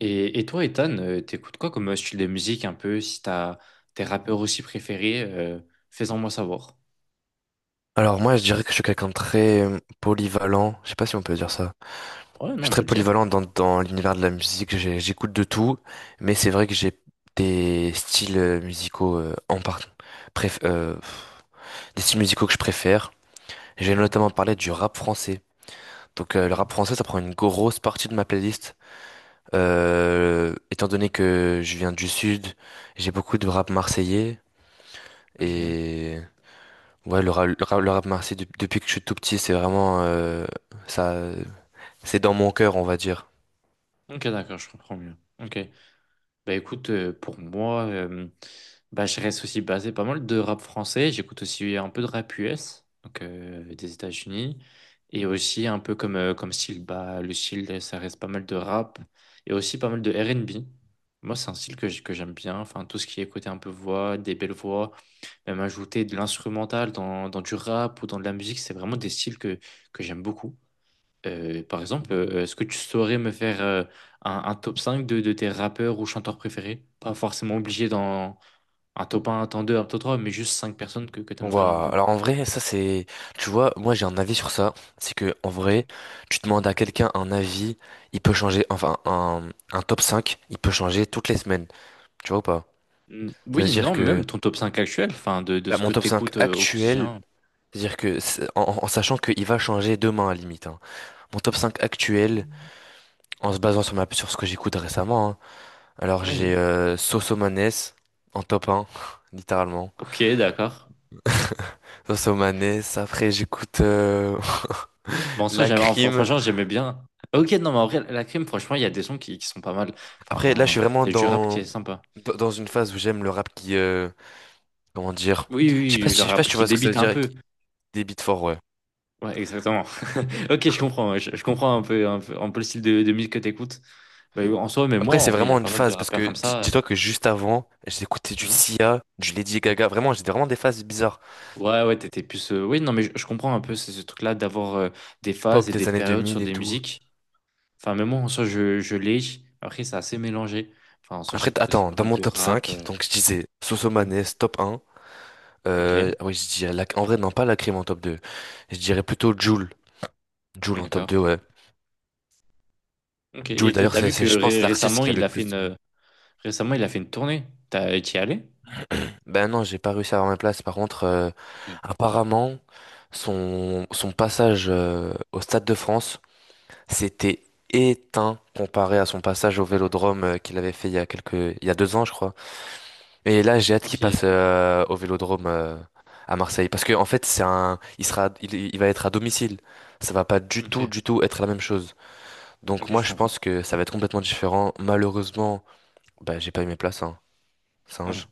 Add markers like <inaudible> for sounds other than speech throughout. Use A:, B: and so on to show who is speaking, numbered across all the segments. A: Et toi, Ethan, t'écoutes quoi comme style de musique un peu? Si t'as tes rappeurs aussi préférés, fais-en moi savoir.
B: Alors moi, je dirais que je suis quelqu'un de très polyvalent. Je sais pas si on peut dire ça.
A: Ouais,
B: Je
A: non,
B: suis
A: on peut
B: très
A: le dire.
B: polyvalent dans l'univers de la musique. J'écoute de tout, mais c'est vrai que j'ai des styles musicaux euh, des styles musicaux que je préfère. J'ai
A: Ok.
B: notamment parlé du rap français. Donc le
A: Mm.
B: rap français, ça prend une grosse partie de ma playlist. Étant donné que je viens du sud, j'ai beaucoup de rap marseillais
A: Ok.
B: et ouais, le rap marseillais depuis que je suis tout petit, c'est vraiment ça. C'est dans mon cœur, on va dire.
A: Ok, d'accord, je comprends mieux. Ok. Bah écoute, pour moi, bah, je reste aussi basé pas mal de rap français. J'écoute aussi un peu de rap US, donc des États-Unis. Et aussi un peu comme, comme style, bah, le style, ça reste pas mal de rap. Et aussi pas mal de R&B. Moi, c'est un style que j'aime bien. Enfin, tout ce qui est côté un peu voix, des belles voix, même ajouter de l'instrumental dans du rap ou dans de la musique, c'est vraiment des styles que j'aime beaucoup. Par exemple, est-ce que tu saurais me faire un top 5 de tes rappeurs ou chanteurs préférés? Pas forcément obligé dans un top 2, un top 3, mais juste 5 personnes que tu aimes vraiment
B: Ouah!
A: bien.
B: Alors en vrai, tu vois, moi j'ai un avis sur ça. C'est que en
A: Ok.
B: vrai, tu demandes à quelqu'un un avis, il peut changer. Enfin, un top cinq, il peut changer toutes les semaines. Tu vois ou pas?
A: Mm,
B: Ça veut
A: oui,
B: dire
A: non,
B: que
A: même ton top 5 actuel, enfin, de
B: là,
A: ce
B: mon
A: que
B: top
A: tu
B: 5
A: écoutes au
B: actuel,
A: quotidien.
B: c'est-à-dire que en sachant qu'il va changer demain à la limite, hein. Mon top 5 actuel, en se basant sur ce que j'écoute récemment, hein. Alors
A: Oui,
B: j'ai
A: oui.
B: Soso Maness en top un <laughs> littéralement.
A: Ok, d'accord.
B: Soso Maness. Après j'écoute,
A: Bon,
B: <laughs>
A: ça,
B: La
A: j'aimais, enfin,
B: crime.
A: franchement, j'aimais bien. Ok, non, mais en vrai, la crime, franchement, il y a des sons qui sont pas mal.
B: Après, là, je
A: Enfin,
B: suis vraiment
A: il y a du rap qui
B: dans,
A: est sympa.
B: dans dans une phase où j'aime le rap qui, comment dire,
A: Oui,
B: je sais
A: oui,
B: pas
A: oui, le
B: si, je sais pas
A: rap
B: si tu
A: qui
B: vois ce que ça veut
A: débite un
B: dire,
A: peu.
B: des beats forts, ouais.
A: Ouais, exactement. Ok, je comprends. Ouais, je comprends un peu, un peu, un peu le style de musique que t'écoutes. Bah, en soi, même moi,
B: Après,
A: en
B: c'est
A: vrai, il y a
B: vraiment une
A: pas mal de
B: phase parce
A: rappeurs
B: que
A: comme ça.
B: dis-toi que juste avant, j'écoutais du
A: Mhm.
B: Sia, du Lady Gaga, vraiment, j'étais vraiment des phases bizarres.
A: Ouais, ouais, t'étais plus. Oui, non, mais je comprends un peu ce truc-là d'avoir des phases
B: Pop
A: et des
B: des années
A: périodes sur
B: 2000 et
A: des
B: tout.
A: musiques. Enfin, même moi, en soi, je l'ai. Après, c'est assez mélangé. Enfin, en soi,
B: Après,
A: j'écoute aussi
B: attends,
A: pas
B: dans
A: mal
B: mon
A: de
B: top
A: rap.
B: cinq, donc je disais
A: Mhm.
B: Sosomanes, top un.
A: Ok,
B: Oui, je dirais, en vrai, non, pas la crime en top deux. Je dirais plutôt Jul. Jul en top
A: d'accord.
B: deux, ouais.
A: Ok,
B: Jul,
A: et t'as
B: d'ailleurs,
A: t'as
B: c'est,
A: vu que
B: c'est, je pense, l'artiste
A: récemment,
B: qui a
A: il
B: le
A: a fait
B: plus de...
A: une, récemment, il a fait une tournée. T'as, t'y es allé?
B: Ben non, j'ai pas réussi à avoir ma place. Par contre,
A: Ok,
B: apparemment, son passage au Stade de France, c'était éteint comparé à son passage au Vélodrome qu'il avait fait il y a 2 ans, je crois. Et là, j'ai hâte qu'il
A: ok,
B: passe au Vélodrome à Marseille, parce que en fait, c'est un, il sera, il va être à domicile. Ça va pas du
A: ok,
B: tout, du tout être la même chose. Donc
A: ok,
B: moi,
A: je
B: je
A: comprends.
B: pense que ça va être complètement différent. Malheureusement, ben j'ai pas eu mes places, hein.
A: Ouais.
B: Singe.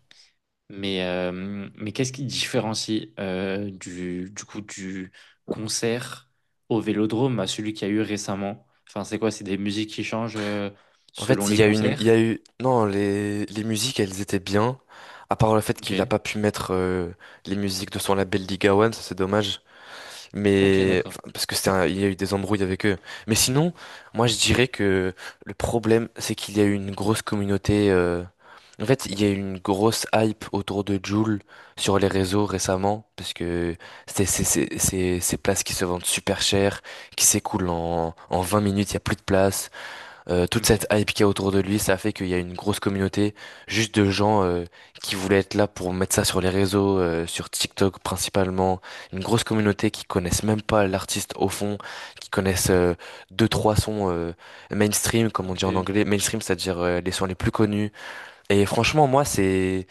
A: Mais qu'est-ce qui différencie du coup du concert au Vélodrome à celui qu'il y a eu récemment? Enfin, c'est quoi? C'est des musiques qui changent
B: En
A: selon
B: fait,
A: les
B: il
A: concerts?
B: y a eu, non, les musiques, elles étaient bien. À part le fait qu'il a
A: Ok.
B: pas pu mettre les musiques de son label Liga One, ça c'est dommage.
A: Ok,
B: Mais
A: d'accord.
B: enfin, parce que il y a eu des embrouilles avec eux. Mais sinon, moi je dirais que le problème, c'est qu'il y a eu une grosse communauté. En fait, il y a eu une grosse hype autour de Jul sur les réseaux récemment, parce que ces places qui se vendent super cher, qui s'écoulent en, 20 minutes, il y a plus de place. Toute
A: Ok.
B: cette hype qu'il y a autour de lui, ça a fait qu'il y a une grosse communauté juste de gens qui voulaient être là pour mettre ça sur les réseaux, sur TikTok principalement. Une grosse communauté qui connaissent même pas l'artiste au fond, qui connaissent deux, trois sons mainstream, comme on dit en
A: Ok.
B: anglais. Mainstream, c'est-à-dire les sons les plus connus. Et franchement, moi, c'est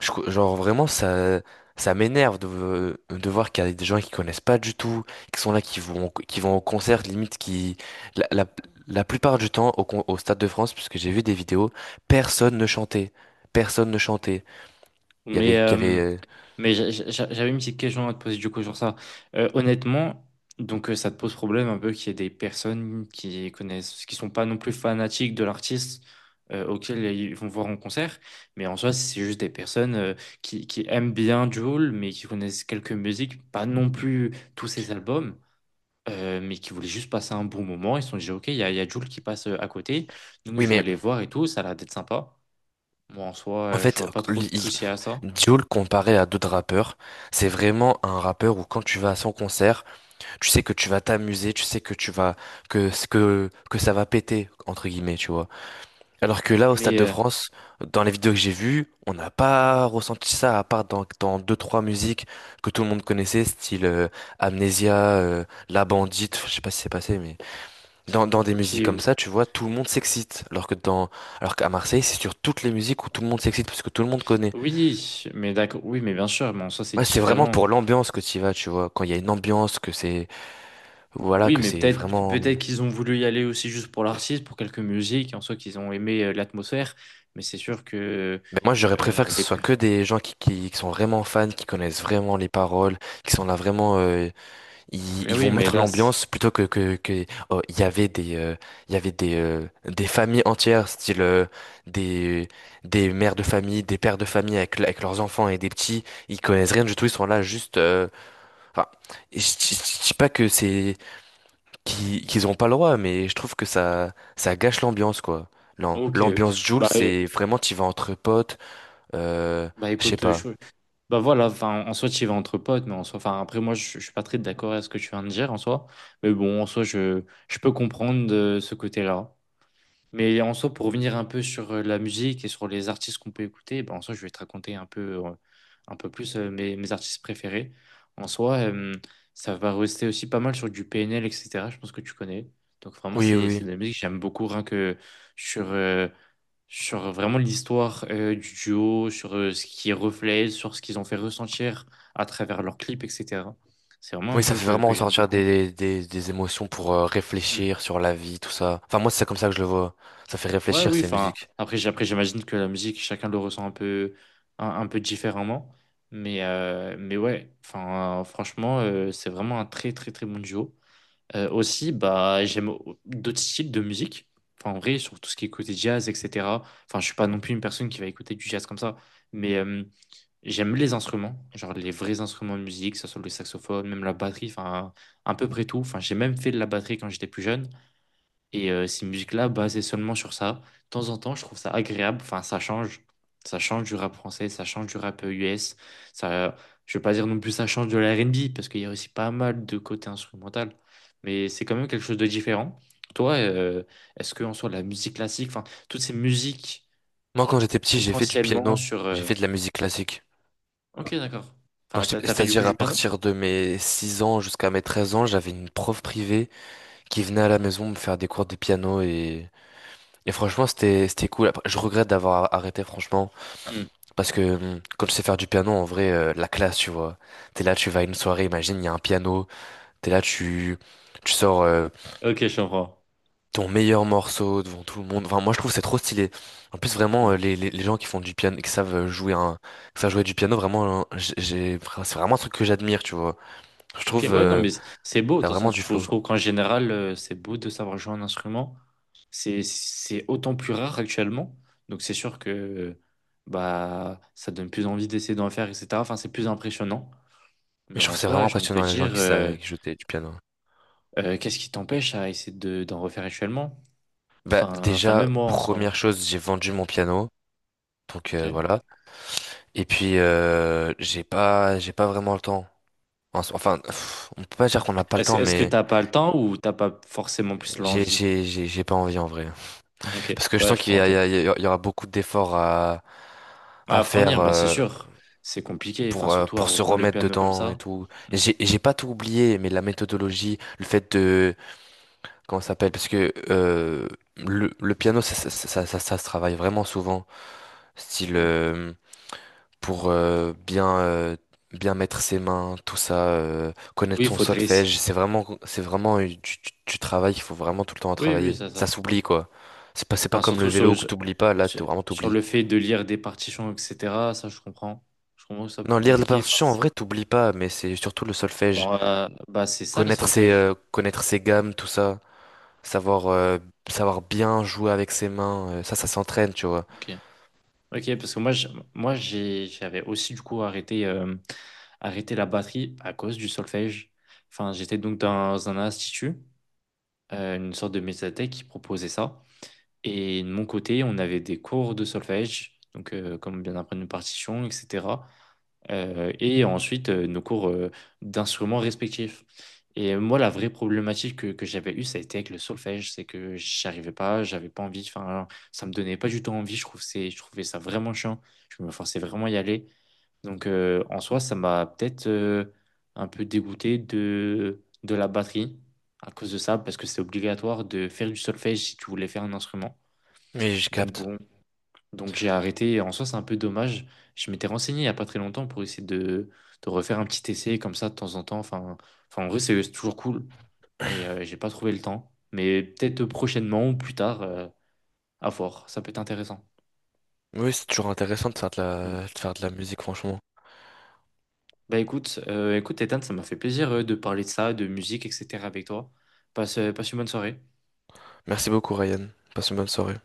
B: je co- genre vraiment ça m'énerve de voir qu'il y a des gens qui connaissent pas du tout, qui sont là, qui vont au concert, limite la, la, la plupart du temps au Stade de France, puisque j'ai vu des vidéos, personne ne chantait, personne ne chantait. Il y avait
A: Mais,
B: il y avait
A: euh,
B: euh,
A: mais j'avais une petite question à te poser du coup sur ça. Honnêtement, donc ça te pose problème un peu qu'il y ait des personnes qui connaissent, qui sont pas non plus fanatiques de l'artiste auquel ils vont voir en concert, mais en soi c'est juste des personnes qui aiment bien Jul, mais qui connaissent quelques musiques, pas non plus tous ses albums. Mais qui voulaient juste passer un bon moment, ils se sont dit ok, il y a Jul qui passe à côté, donc
B: Oui
A: je vais
B: mais
A: aller voir et tout, ça a l'air d'être sympa. Moi en soi,
B: en
A: je
B: fait,
A: vois pas trop de
B: il- il-
A: soucis à ça.
B: Jul comparé à d'autres rappeurs, c'est vraiment un rappeur où quand tu vas à son concert, tu sais que tu vas t'amuser, tu sais que tu vas que ça va péter, entre guillemets, tu vois. Alors que là, au Stade
A: Mais,
B: de
A: euh,
B: France, dans les vidéos que j'ai vues, on n'a pas ressenti ça, à part dans, deux, trois musiques que tout le monde connaissait, style Amnesia, La Bandite, je sais pas si c'est passé, mais dans des
A: Ok,
B: musiques comme ça, tu vois, tout le monde s'excite. Alors qu'à Marseille, c'est sur toutes les musiques où tout le monde s'excite, parce que tout le monde connaît.
A: oui, mais d'accord, oui, mais bien sûr, mais en soi c'est
B: Ouais, c'est vraiment
A: différent.
B: pour l'ambiance que tu y vas, tu vois. Quand il y a une ambiance, que c'est, voilà,
A: Oui,
B: que
A: mais
B: c'est
A: peut-être
B: vraiment.
A: peut-être qu'ils ont voulu y aller aussi juste pour l'artiste, pour quelques musiques, en soi qu'ils ont aimé l'atmosphère, mais c'est sûr que
B: Mais moi, j'aurais préféré que ce
A: les...
B: soit que des gens qui sont vraiment fans, qui connaissent vraiment les paroles, qui sont là vraiment. euh, ils,
A: Ah
B: ils
A: oui,
B: vont
A: mais
B: mettre
A: là,
B: l'ambiance plutôt que oh, il y avait des il y avait des familles entières, style des des mères de famille, des pères de famille, avec leurs enfants, et des petits, ils connaissent rien du tout, ils sont là juste, enfin, je je- je dis pas que c'est qu'ils qu'ils ont pas le droit, mais je trouve que ça gâche l'ambiance, quoi.
A: ok,
B: L'ambiance Joule,
A: bah,
B: c'est vraiment tu vas entre potes, euh,
A: bah
B: je sais
A: écoute,
B: pas.
A: bah voilà, enfin, en soi tu y vas entre potes, mais en soi, enfin après moi je suis pas très d'accord à ce que tu viens de dire en soi, mais bon, en soi je peux comprendre ce côté-là. Mais en soi, pour revenir un peu sur la musique et sur les artistes qu'on peut écouter, ben, en soi, je vais te raconter un peu plus mes artistes préférés. En soi, ça va rester aussi pas mal sur du PNL, etc. Je pense que tu connais. Donc vraiment,
B: Oui,
A: c'est
B: oui.
A: de la musique que j'aime beaucoup, rien que sur, euh, sur vraiment l'histoire du duo, sur ce qui reflète, sur ce qu'ils ont fait ressentir à travers leurs clips, etc. C'est vraiment un
B: Oui, ça
A: duo
B: fait
A: que,
B: vraiment
A: que j'aime
B: ressortir
A: beaucoup.
B: des émotions pour
A: Hmm.
B: réfléchir sur la vie, tout ça. Enfin, moi, c'est comme ça que je le vois. Ça fait
A: Ouais,
B: réfléchir,
A: oui,
B: ces
A: enfin,
B: musiques.
A: après, après j'imagine que la musique, chacun le ressent un peu différemment. Mais ouais, enfin, franchement, c'est vraiment un très, très, très bon duo. Aussi, bah, j'aime d'autres styles de musique. Enfin, en vrai, sur tout ce qui est côté jazz, etc. Enfin, je suis pas non plus une personne qui va écouter du jazz comme ça. Mais j'aime les instruments, genre les vrais instruments de musique, que ce soit le saxophone, même la batterie, enfin, à peu près tout. Enfin, j'ai même fait de la batterie quand j'étais plus jeune. Et ces musiques-là, basées seulement sur ça, de temps en temps, je trouve ça agréable. Enfin, ça change. Ça change du rap français, ça change du rap US. Ça, je ne veux pas dire non plus ça change de la R&B, parce qu'il y a aussi pas mal de côté instrumental. Mais c'est quand même quelque chose de différent. Toi, est-ce qu'en soit la musique classique, enfin, toutes ces musiques
B: Moi, quand j'étais petit, j'ai fait du
A: essentiellement
B: piano.
A: sur...
B: J'ai fait de la musique classique.
A: Ok, d'accord. Enfin, t'as, t'as fait du coup
B: C'est-à-dire,
A: du
B: à
A: piano?
B: partir de mes 6 ans jusqu'à mes 13 ans, j'avais une prof privée qui venait à la maison me faire des cours de piano, et franchement, c'était cool. Après, je regrette d'avoir arrêté, franchement.
A: Hmm.
B: Parce que comme tu sais faire du piano, en vrai, la classe, tu vois. T'es là, tu vas à une soirée, imagine, il y a un piano. T'es là, tu sors
A: Ok, je comprends.
B: ton meilleur morceau devant tout le monde. Enfin, moi, je trouve que c'est trop stylé. En plus, vraiment,
A: Hmm.
B: les gens qui font du piano, qui savent qui savent jouer du piano, vraiment, enfin, c'est vraiment un truc que j'admire, tu vois. Je
A: Ok,
B: trouve,
A: ouais, non, mais c'est beau. De
B: t'as
A: toute façon,
B: vraiment
A: je
B: du
A: trouve, je
B: flow.
A: trouve qu'en général, c'est beau de savoir jouer un instrument. C'est autant plus rare actuellement. Donc c'est sûr que bah ça donne plus envie d'essayer d'en faire, etc. Enfin, c'est plus impressionnant.
B: Mais
A: Mais
B: je trouve
A: en
B: que c'est
A: soi,
B: vraiment
A: j'ai envie de te
B: impressionnant, les gens
A: dire,
B: qui jouent du piano.
A: qu'est-ce qui t'empêche à essayer d'en refaire actuellement?
B: Bah,
A: Enfin,
B: déjà,
A: même moi en
B: première
A: soi.
B: chose, j'ai vendu mon piano. Donc
A: Ok.
B: voilà. Et puis j'ai pas vraiment le temps. Enfin, on peut pas dire qu'on n'a pas le
A: Est-ce,
B: temps,
A: est-ce que
B: mais
A: t'as pas le temps ou t'as pas forcément plus
B: j'ai
A: l'envie?
B: j'ai j'ai j'ai pas envie en vrai.
A: Ok.
B: Parce que je
A: Ouais,
B: sens
A: je
B: qu'il
A: crois.
B: y a, il y
A: Ok.
B: a- il y a- il y aura beaucoup d'efforts à
A: À
B: faire,
A: fournir, bah c'est sûr. C'est compliqué. Enfin, surtout à
B: pour se
A: reprendre le
B: remettre
A: piano comme
B: dedans et
A: ça.
B: tout.
A: Mm,
B: Et j'ai pas tout oublié, mais la méthodologie, le fait de, comment ça s'appelle, parce que le piano, ça se travaille vraiment souvent. Style
A: mm.
B: pour bien mettre ses mains, tout ça,
A: Oui,
B: connaître
A: il
B: son
A: faudrait essayer.
B: solfège. C'est vraiment du travail. Il faut vraiment tout le temps à
A: Oui, oui,
B: travailler.
A: ça, ça.
B: Ça s'oublie, quoi. C'est pas
A: Enfin,
B: comme le
A: surtout sur le,
B: vélo, que t'oublies pas. Là, t'es vraiment,
A: sur
B: t'oublies.
A: le fait de lire des partitions, etc. Ça, je comprends. Je comprends que ça soit
B: Non,
A: plus
B: lire les
A: compliqué. Enfin,
B: partitions en vrai t'oublies pas, mais c'est surtout le solfège,
A: bon, bah, c'est ça le
B: connaître ses
A: solfège.
B: euh, connaître ses gammes, tout ça, savoir euh, savoir bien jouer avec ses mains. Ça s'entraîne, tu vois.
A: Ok. Ok, parce que moi, moi, j'avais aussi du coup arrêté, arrêté la batterie à cause du solfège. Enfin, j'étais donc dans un institut, une sorte de médiathèque qui proposait ça. Et de mon côté, on avait des cours de solfège, donc comme bien apprendre une partition, etc. Et ensuite, nos cours d'instruments respectifs. Et moi, la vraie problématique que j'avais eue, ça a été avec le solfège, c'est que j'arrivais pas, j'avais pas envie, enfin, ça me donnait pas du tout envie, je trouvais ça vraiment chiant, je me forçais vraiment à y aller. Donc, en soi, ça m'a peut-être un peu dégoûté de la batterie à cause de ça, parce que c'est obligatoire de faire du solfège si tu voulais faire un instrument.
B: Mais je
A: Donc
B: capte.
A: bon, donc j'ai arrêté. Et en soi, c'est un peu dommage. Je m'étais renseigné il n'y a pas très longtemps pour essayer de refaire un petit essai comme ça de temps en temps. Enfin en vrai, c'est toujours cool. Mais j'ai pas trouvé le temps. Mais peut-être prochainement ou plus tard, à voir. Ça peut être intéressant.
B: Oui, c'est toujours intéressant de faire de
A: Hmm.
B: la de faire de la musique, franchement.
A: Bah écoute, Ethan, ça m'a fait plaisir de parler de ça, de musique, etc. avec toi. Passe une bonne soirée.
B: Merci beaucoup, Ryan. Passe une bonne soirée.